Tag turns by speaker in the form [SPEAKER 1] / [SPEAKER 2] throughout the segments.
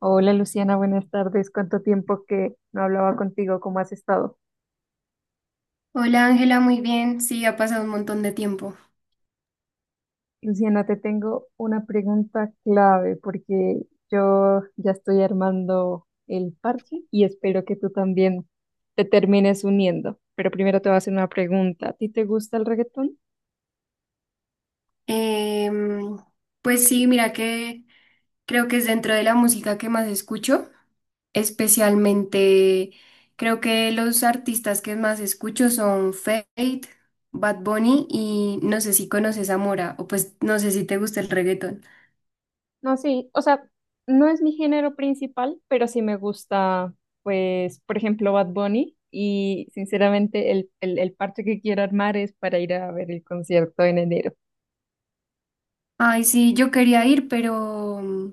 [SPEAKER 1] Hola Luciana, buenas tardes. ¿Cuánto tiempo que no hablaba contigo? ¿Cómo has estado?
[SPEAKER 2] Hola Ángela, muy bien. Sí, ha pasado un montón de tiempo.
[SPEAKER 1] Luciana, te tengo una pregunta clave porque yo ya estoy armando el parche y espero que tú también te termines uniendo. Pero primero te voy a hacer una pregunta. ¿A ti te gusta el reggaetón?
[SPEAKER 2] Em, pues sí, mira que creo que es dentro de la música que más escucho, especialmente creo que los artistas que más escucho son Fate, Bad Bunny y no sé si conoces a Mora o pues no sé si te gusta el reggaetón.
[SPEAKER 1] No, sí, o sea, no es mi género principal, pero sí me gusta, pues, por ejemplo, Bad Bunny. Y sinceramente, el parche que quiero armar es para ir a ver el concierto en enero.
[SPEAKER 2] Ay, sí, yo quería ir, pero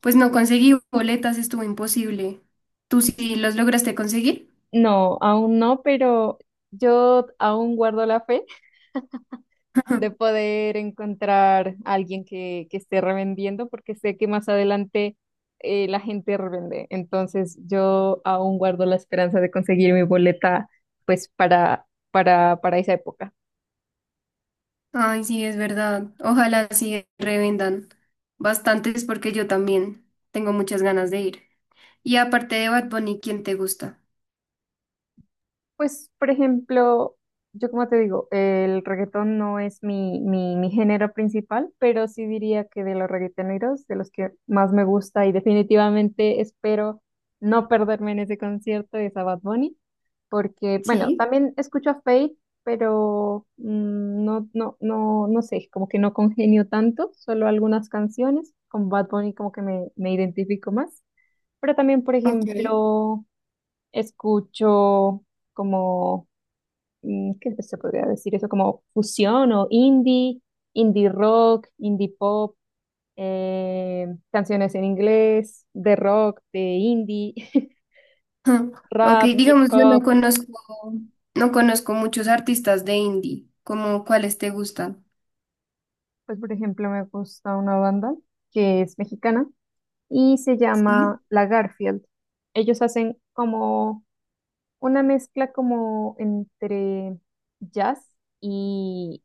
[SPEAKER 2] pues no conseguí boletas, estuvo imposible. ¿Tú sí los lograste conseguir?
[SPEAKER 1] No, aún no, pero yo aún guardo la fe de poder encontrar a alguien que esté revendiendo, porque sé que más adelante la gente revende. Entonces, yo aún guardo la esperanza de conseguir mi boleta, pues, para esa época.
[SPEAKER 2] Ay, sí, es verdad. Ojalá sí revendan bastantes porque yo también tengo muchas ganas de ir. Y aparte de Bad Bunny, ¿quién te gusta?
[SPEAKER 1] Pues, por ejemplo, yo como te digo, el reggaetón no es mi género principal, pero sí diría que de los reggaetoneros, de los que más me gusta y definitivamente espero no perderme en ese concierto es a Bad Bunny, porque, bueno,
[SPEAKER 2] Sí,
[SPEAKER 1] también escucho a Faith, pero no sé, como que no congenio tanto, solo algunas canciones. Con Bad Bunny como que me identifico más, pero también, por
[SPEAKER 2] ok.
[SPEAKER 1] ejemplo, escucho como ¿qué se podría decir eso? Como fusión o indie, indie rock, indie pop, canciones en inglés, de rock, de indie,
[SPEAKER 2] Ujú. Ok,
[SPEAKER 1] rap, hip
[SPEAKER 2] digamos, yo no
[SPEAKER 1] hop.
[SPEAKER 2] conozco, no conozco muchos artistas de indie. ¿Cómo cuáles te gustan?
[SPEAKER 1] Pues por ejemplo me gusta una banda que es mexicana y se
[SPEAKER 2] Sí.
[SPEAKER 1] llama La Garfield. Ellos hacen como una mezcla como entre jazz y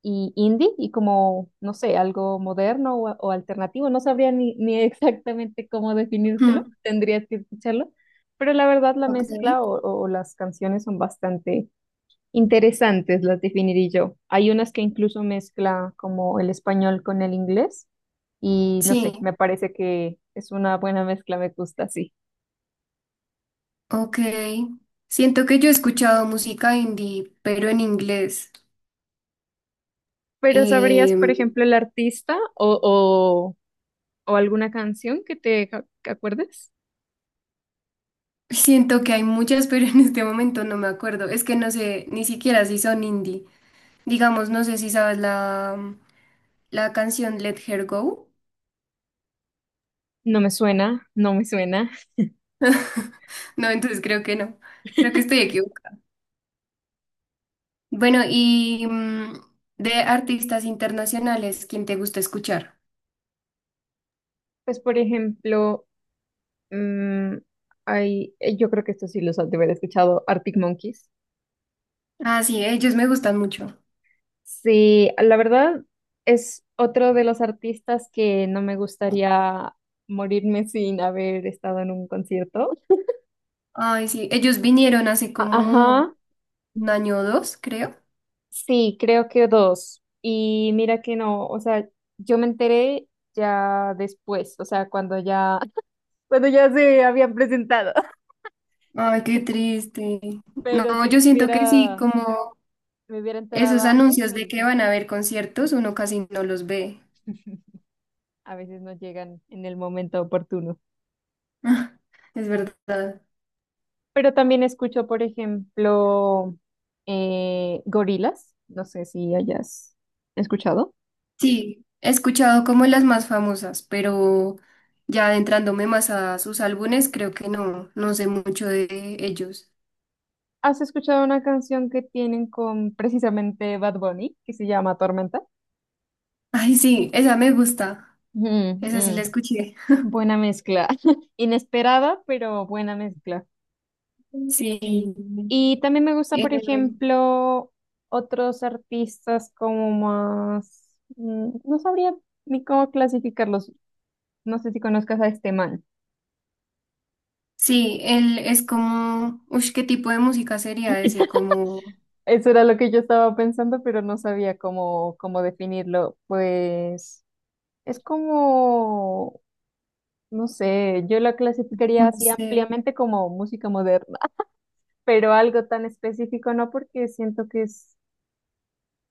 [SPEAKER 1] y indie y como, no sé, algo moderno o alternativo. No sabría ni exactamente cómo definírtelo,
[SPEAKER 2] Ujú,
[SPEAKER 1] tendrías que escucharlo, pero la verdad la
[SPEAKER 2] ok.
[SPEAKER 1] mezcla o las canciones son bastante interesantes, las definiría yo. Hay unas que incluso mezcla como el español con el inglés y no sé, me
[SPEAKER 2] Sí.
[SPEAKER 1] parece que es una buena mezcla, me gusta así.
[SPEAKER 2] Ok. Siento que yo he escuchado música indie, pero en inglés.
[SPEAKER 1] Pero ¿sabrías, por
[SPEAKER 2] Em,
[SPEAKER 1] ejemplo, el artista o alguna canción que acuerdes?
[SPEAKER 2] Siento que hay muchas, pero en este momento no me acuerdo. Es que no sé ni siquiera si son indie. Digamos, no sé si sabes la canción Let Her Go.
[SPEAKER 1] No me suena, no me suena.
[SPEAKER 2] No, entonces creo que no. Creo que estoy equivocada. Bueno, y de artistas internacionales, ¿quién te gusta escuchar?
[SPEAKER 1] Pues, por ejemplo, mm, hay, yo creo que esto sí los has de haber escuchado, Arctic Monkeys.
[SPEAKER 2] Ah, sí, ellos me gustan mucho.
[SPEAKER 1] Sí, la verdad es otro de los artistas que no me gustaría morirme sin haber estado en un concierto.
[SPEAKER 2] Ay, sí, ellos vinieron hace como
[SPEAKER 1] Ajá,
[SPEAKER 2] un año o dos, creo.
[SPEAKER 1] sí, creo que dos. Y mira que no, o sea, yo me enteré ya después, o sea, cuando ya, cuando ya se habían presentado,
[SPEAKER 2] Ay, qué triste.
[SPEAKER 1] pero
[SPEAKER 2] No,
[SPEAKER 1] si me
[SPEAKER 2] yo siento que sí,
[SPEAKER 1] hubiera,
[SPEAKER 2] como
[SPEAKER 1] me hubiera enterado
[SPEAKER 2] esos
[SPEAKER 1] antes,
[SPEAKER 2] anuncios de
[SPEAKER 1] sí.
[SPEAKER 2] que van a haber conciertos, uno casi no los ve.
[SPEAKER 1] A veces no llegan en el momento oportuno.
[SPEAKER 2] Es verdad.
[SPEAKER 1] Pero también escucho, por ejemplo, Gorilas. No sé si hayas escuchado.
[SPEAKER 2] Sí, he escuchado como las más famosas, pero ya adentrándome más a sus álbumes, creo que no sé mucho de ellos.
[SPEAKER 1] ¿Has escuchado una canción que tienen con precisamente Bad Bunny, que se llama Tormenta?
[SPEAKER 2] Ay, sí, esa me gusta.
[SPEAKER 1] Mm,
[SPEAKER 2] Esa sí la
[SPEAKER 1] mm.
[SPEAKER 2] escuché.
[SPEAKER 1] Buena mezcla. Inesperada, pero buena mezcla.
[SPEAKER 2] Sí.
[SPEAKER 1] Y también me gusta,
[SPEAKER 2] Eh,
[SPEAKER 1] por ejemplo, otros artistas como más... No sabría ni cómo clasificarlos. No sé si conozcas a este man.
[SPEAKER 2] sí, él es como, uy, ¿qué tipo de música sería ese? Como,
[SPEAKER 1] Eso era lo que yo estaba pensando, pero no sabía cómo definirlo. Pues es como, no sé, yo la clasificaría
[SPEAKER 2] no
[SPEAKER 1] así
[SPEAKER 2] sé.
[SPEAKER 1] ampliamente como música moderna, pero algo tan específico no, porque siento que es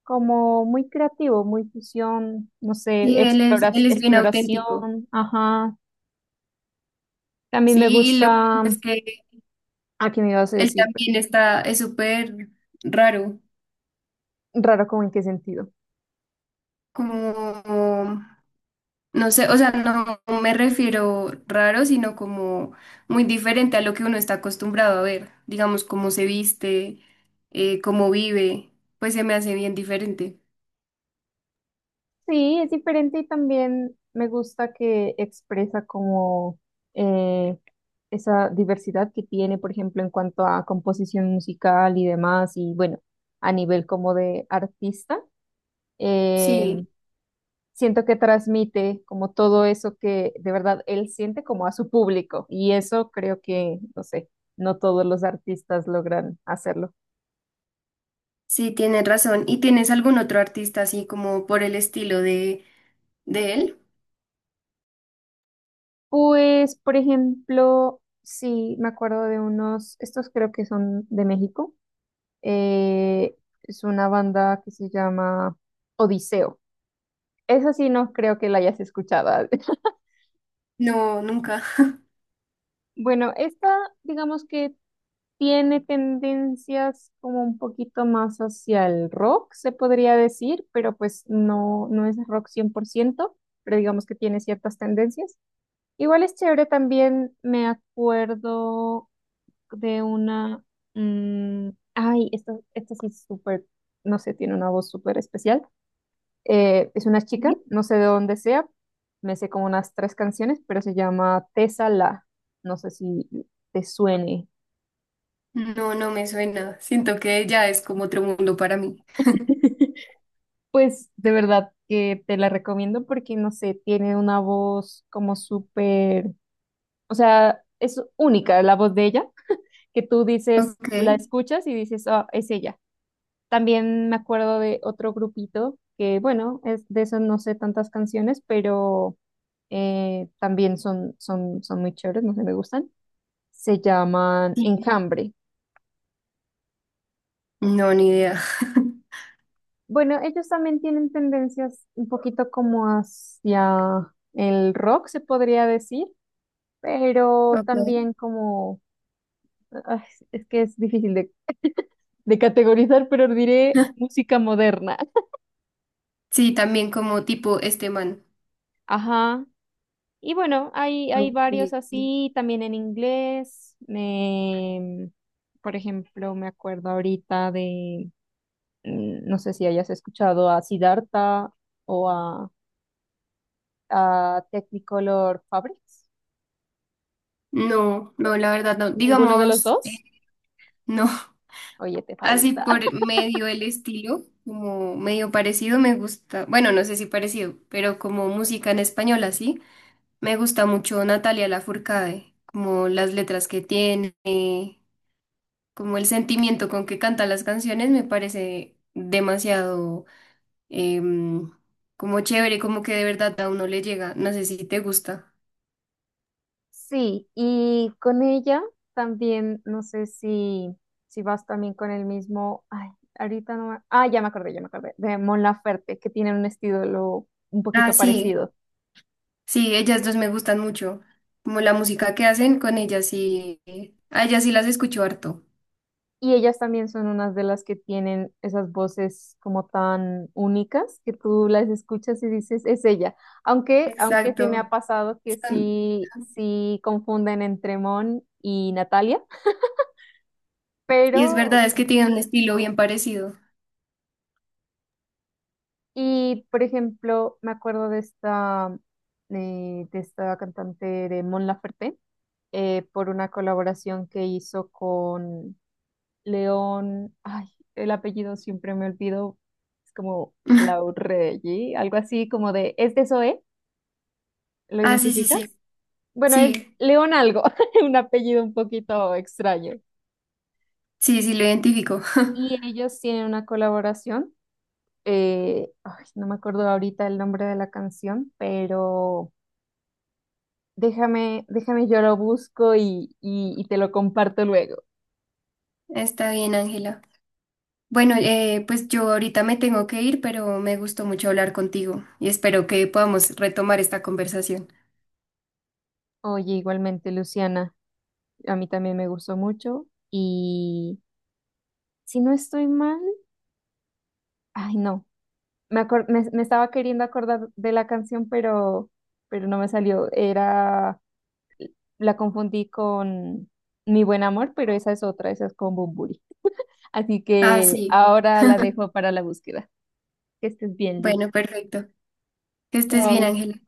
[SPEAKER 1] como muy creativo, muy fusión, no sé,
[SPEAKER 2] Sí, él es bien
[SPEAKER 1] exploración,
[SPEAKER 2] auténtico.
[SPEAKER 1] ajá. También me
[SPEAKER 2] Sí, y lo que
[SPEAKER 1] gusta,
[SPEAKER 2] es que
[SPEAKER 1] ¿a qué me ibas a
[SPEAKER 2] él
[SPEAKER 1] decir?
[SPEAKER 2] también
[SPEAKER 1] Perdón.
[SPEAKER 2] está, es súper raro.
[SPEAKER 1] Raro, ¿como en qué sentido?
[SPEAKER 2] Como, no sé, o sea, no me refiero raro, sino como muy diferente a lo que uno está acostumbrado a ver. Digamos, cómo se viste, cómo vive, pues se me hace bien diferente.
[SPEAKER 1] Sí, es diferente y también me gusta que expresa como eh, esa diversidad que tiene, por ejemplo, en cuanto a composición musical y demás, y bueno, a nivel como de artista, eh,
[SPEAKER 2] Sí,
[SPEAKER 1] siento que transmite como todo eso que de verdad él siente como a su público, y eso creo que, no sé, no todos los artistas logran hacerlo.
[SPEAKER 2] sí, tienes razón. ¿Y tienes algún otro artista así como por el estilo de él?
[SPEAKER 1] Pues, por ejemplo, sí, me acuerdo de unos, estos creo que son de México. Eh, es una banda que se llama Odiseo. Esa sí no creo que la hayas escuchado.
[SPEAKER 2] No, nunca.
[SPEAKER 1] Bueno, esta digamos que tiene tendencias como un poquito más hacia el rock, se podría decir, pero pues no, no es rock cien por ciento, pero digamos que tiene ciertas tendencias. Igual es chévere también, me acuerdo de una... mm, ay, esta sí es súper, no sé, tiene una voz súper especial. Es una chica, no sé de dónde sea, me sé como unas tres canciones, pero se llama Tessa La. No sé si te suene.
[SPEAKER 2] No, no me suena. Siento que ya es como otro mundo para mí.
[SPEAKER 1] Pues de verdad que te la recomiendo porque, no sé, tiene una voz como súper, o sea, es única la voz de ella, que tú dices,
[SPEAKER 2] Ok.
[SPEAKER 1] la escuchas y dices, ah, es ella. También me acuerdo de otro grupito que, bueno, es, de eso no sé tantas canciones, pero también son muy chéveres, no sé, me gustan. Se llaman
[SPEAKER 2] Sí.
[SPEAKER 1] enjambre.
[SPEAKER 2] No, ni idea.
[SPEAKER 1] Bueno, ellos también tienen tendencias un poquito como hacia el rock, se podría decir, pero
[SPEAKER 2] Ok.
[SPEAKER 1] también como, ay, es que es difícil de, de categorizar, pero diré música moderna.
[SPEAKER 2] Sí, también como tipo este man.
[SPEAKER 1] Ajá. Y bueno, hay varios
[SPEAKER 2] Ok.
[SPEAKER 1] así, también en inglés. Por ejemplo, me acuerdo ahorita de, no sé si hayas escuchado a Siddhartha o a Technicolor Fabrics.
[SPEAKER 2] No, no, la verdad no.
[SPEAKER 1] ¿Ninguno de los
[SPEAKER 2] Digamos,
[SPEAKER 1] dos?
[SPEAKER 2] no.
[SPEAKER 1] Oye, te
[SPEAKER 2] Así
[SPEAKER 1] falta.
[SPEAKER 2] por medio el estilo, como medio parecido me gusta. Bueno, no sé si parecido, pero como música en español así, me gusta mucho Natalia Lafourcade, como las letras que tiene, como el sentimiento con que canta las canciones me parece demasiado em, como chévere, como que de verdad a uno le llega. No sé si te gusta.
[SPEAKER 1] Sí, y con ella también, no sé si vas también con el mismo, ay, ahorita no me, ah, ya me acordé, de Mon Laferte, que tienen un estilo un
[SPEAKER 2] Ah,
[SPEAKER 1] poquito
[SPEAKER 2] sí,
[SPEAKER 1] parecido.
[SPEAKER 2] sí, ellas dos me gustan mucho. Como la música que hacen con ellas sí, a ellas sí las escucho harto.
[SPEAKER 1] Y ellas también son unas de las que tienen esas voces como tan únicas que tú las escuchas y dices, es ella. Aunque sí me ha
[SPEAKER 2] Exacto.
[SPEAKER 1] pasado que
[SPEAKER 2] Son-
[SPEAKER 1] sí confunden entre Mon y Natalia,
[SPEAKER 2] y es verdad,
[SPEAKER 1] pero,
[SPEAKER 2] es que tienen un estilo bien parecido.
[SPEAKER 1] y por ejemplo, me acuerdo de esta cantante de Mon Laferte, por una colaboración que hizo con León, ay, el apellido siempre me olvido, es como Laurelli, algo así como de, ¿es de Zoe? ¿Lo
[SPEAKER 2] Ah, sí, sí, sí.
[SPEAKER 1] identificas? Bueno, es
[SPEAKER 2] Sí,
[SPEAKER 1] León algo, un apellido un poquito extraño.
[SPEAKER 2] sí, sí, lo identifico.
[SPEAKER 1] Y ellos tienen una colaboración, ay, no me acuerdo ahorita el nombre de la canción, pero déjame, yo lo busco y te lo comparto luego.
[SPEAKER 2] Está bien, Ángela. Bueno, pues yo ahorita me tengo que ir, pero me gustó mucho hablar contigo y espero que podamos retomar esta conversación.
[SPEAKER 1] Oye, igualmente, Luciana, a mí también me gustó mucho y... Si no estoy mal, ay, no. Me estaba queriendo acordar de la canción, pero no me salió. Era, la confundí con Mi Buen Amor, pero esa es otra, esa es con Bunbury. Así
[SPEAKER 2] Ah,
[SPEAKER 1] que
[SPEAKER 2] sí.
[SPEAKER 1] ahora la dejo para la búsqueda. Que estés bien, Lu.
[SPEAKER 2] Bueno, perfecto. Que estés bien,
[SPEAKER 1] Chao.
[SPEAKER 2] Ángela.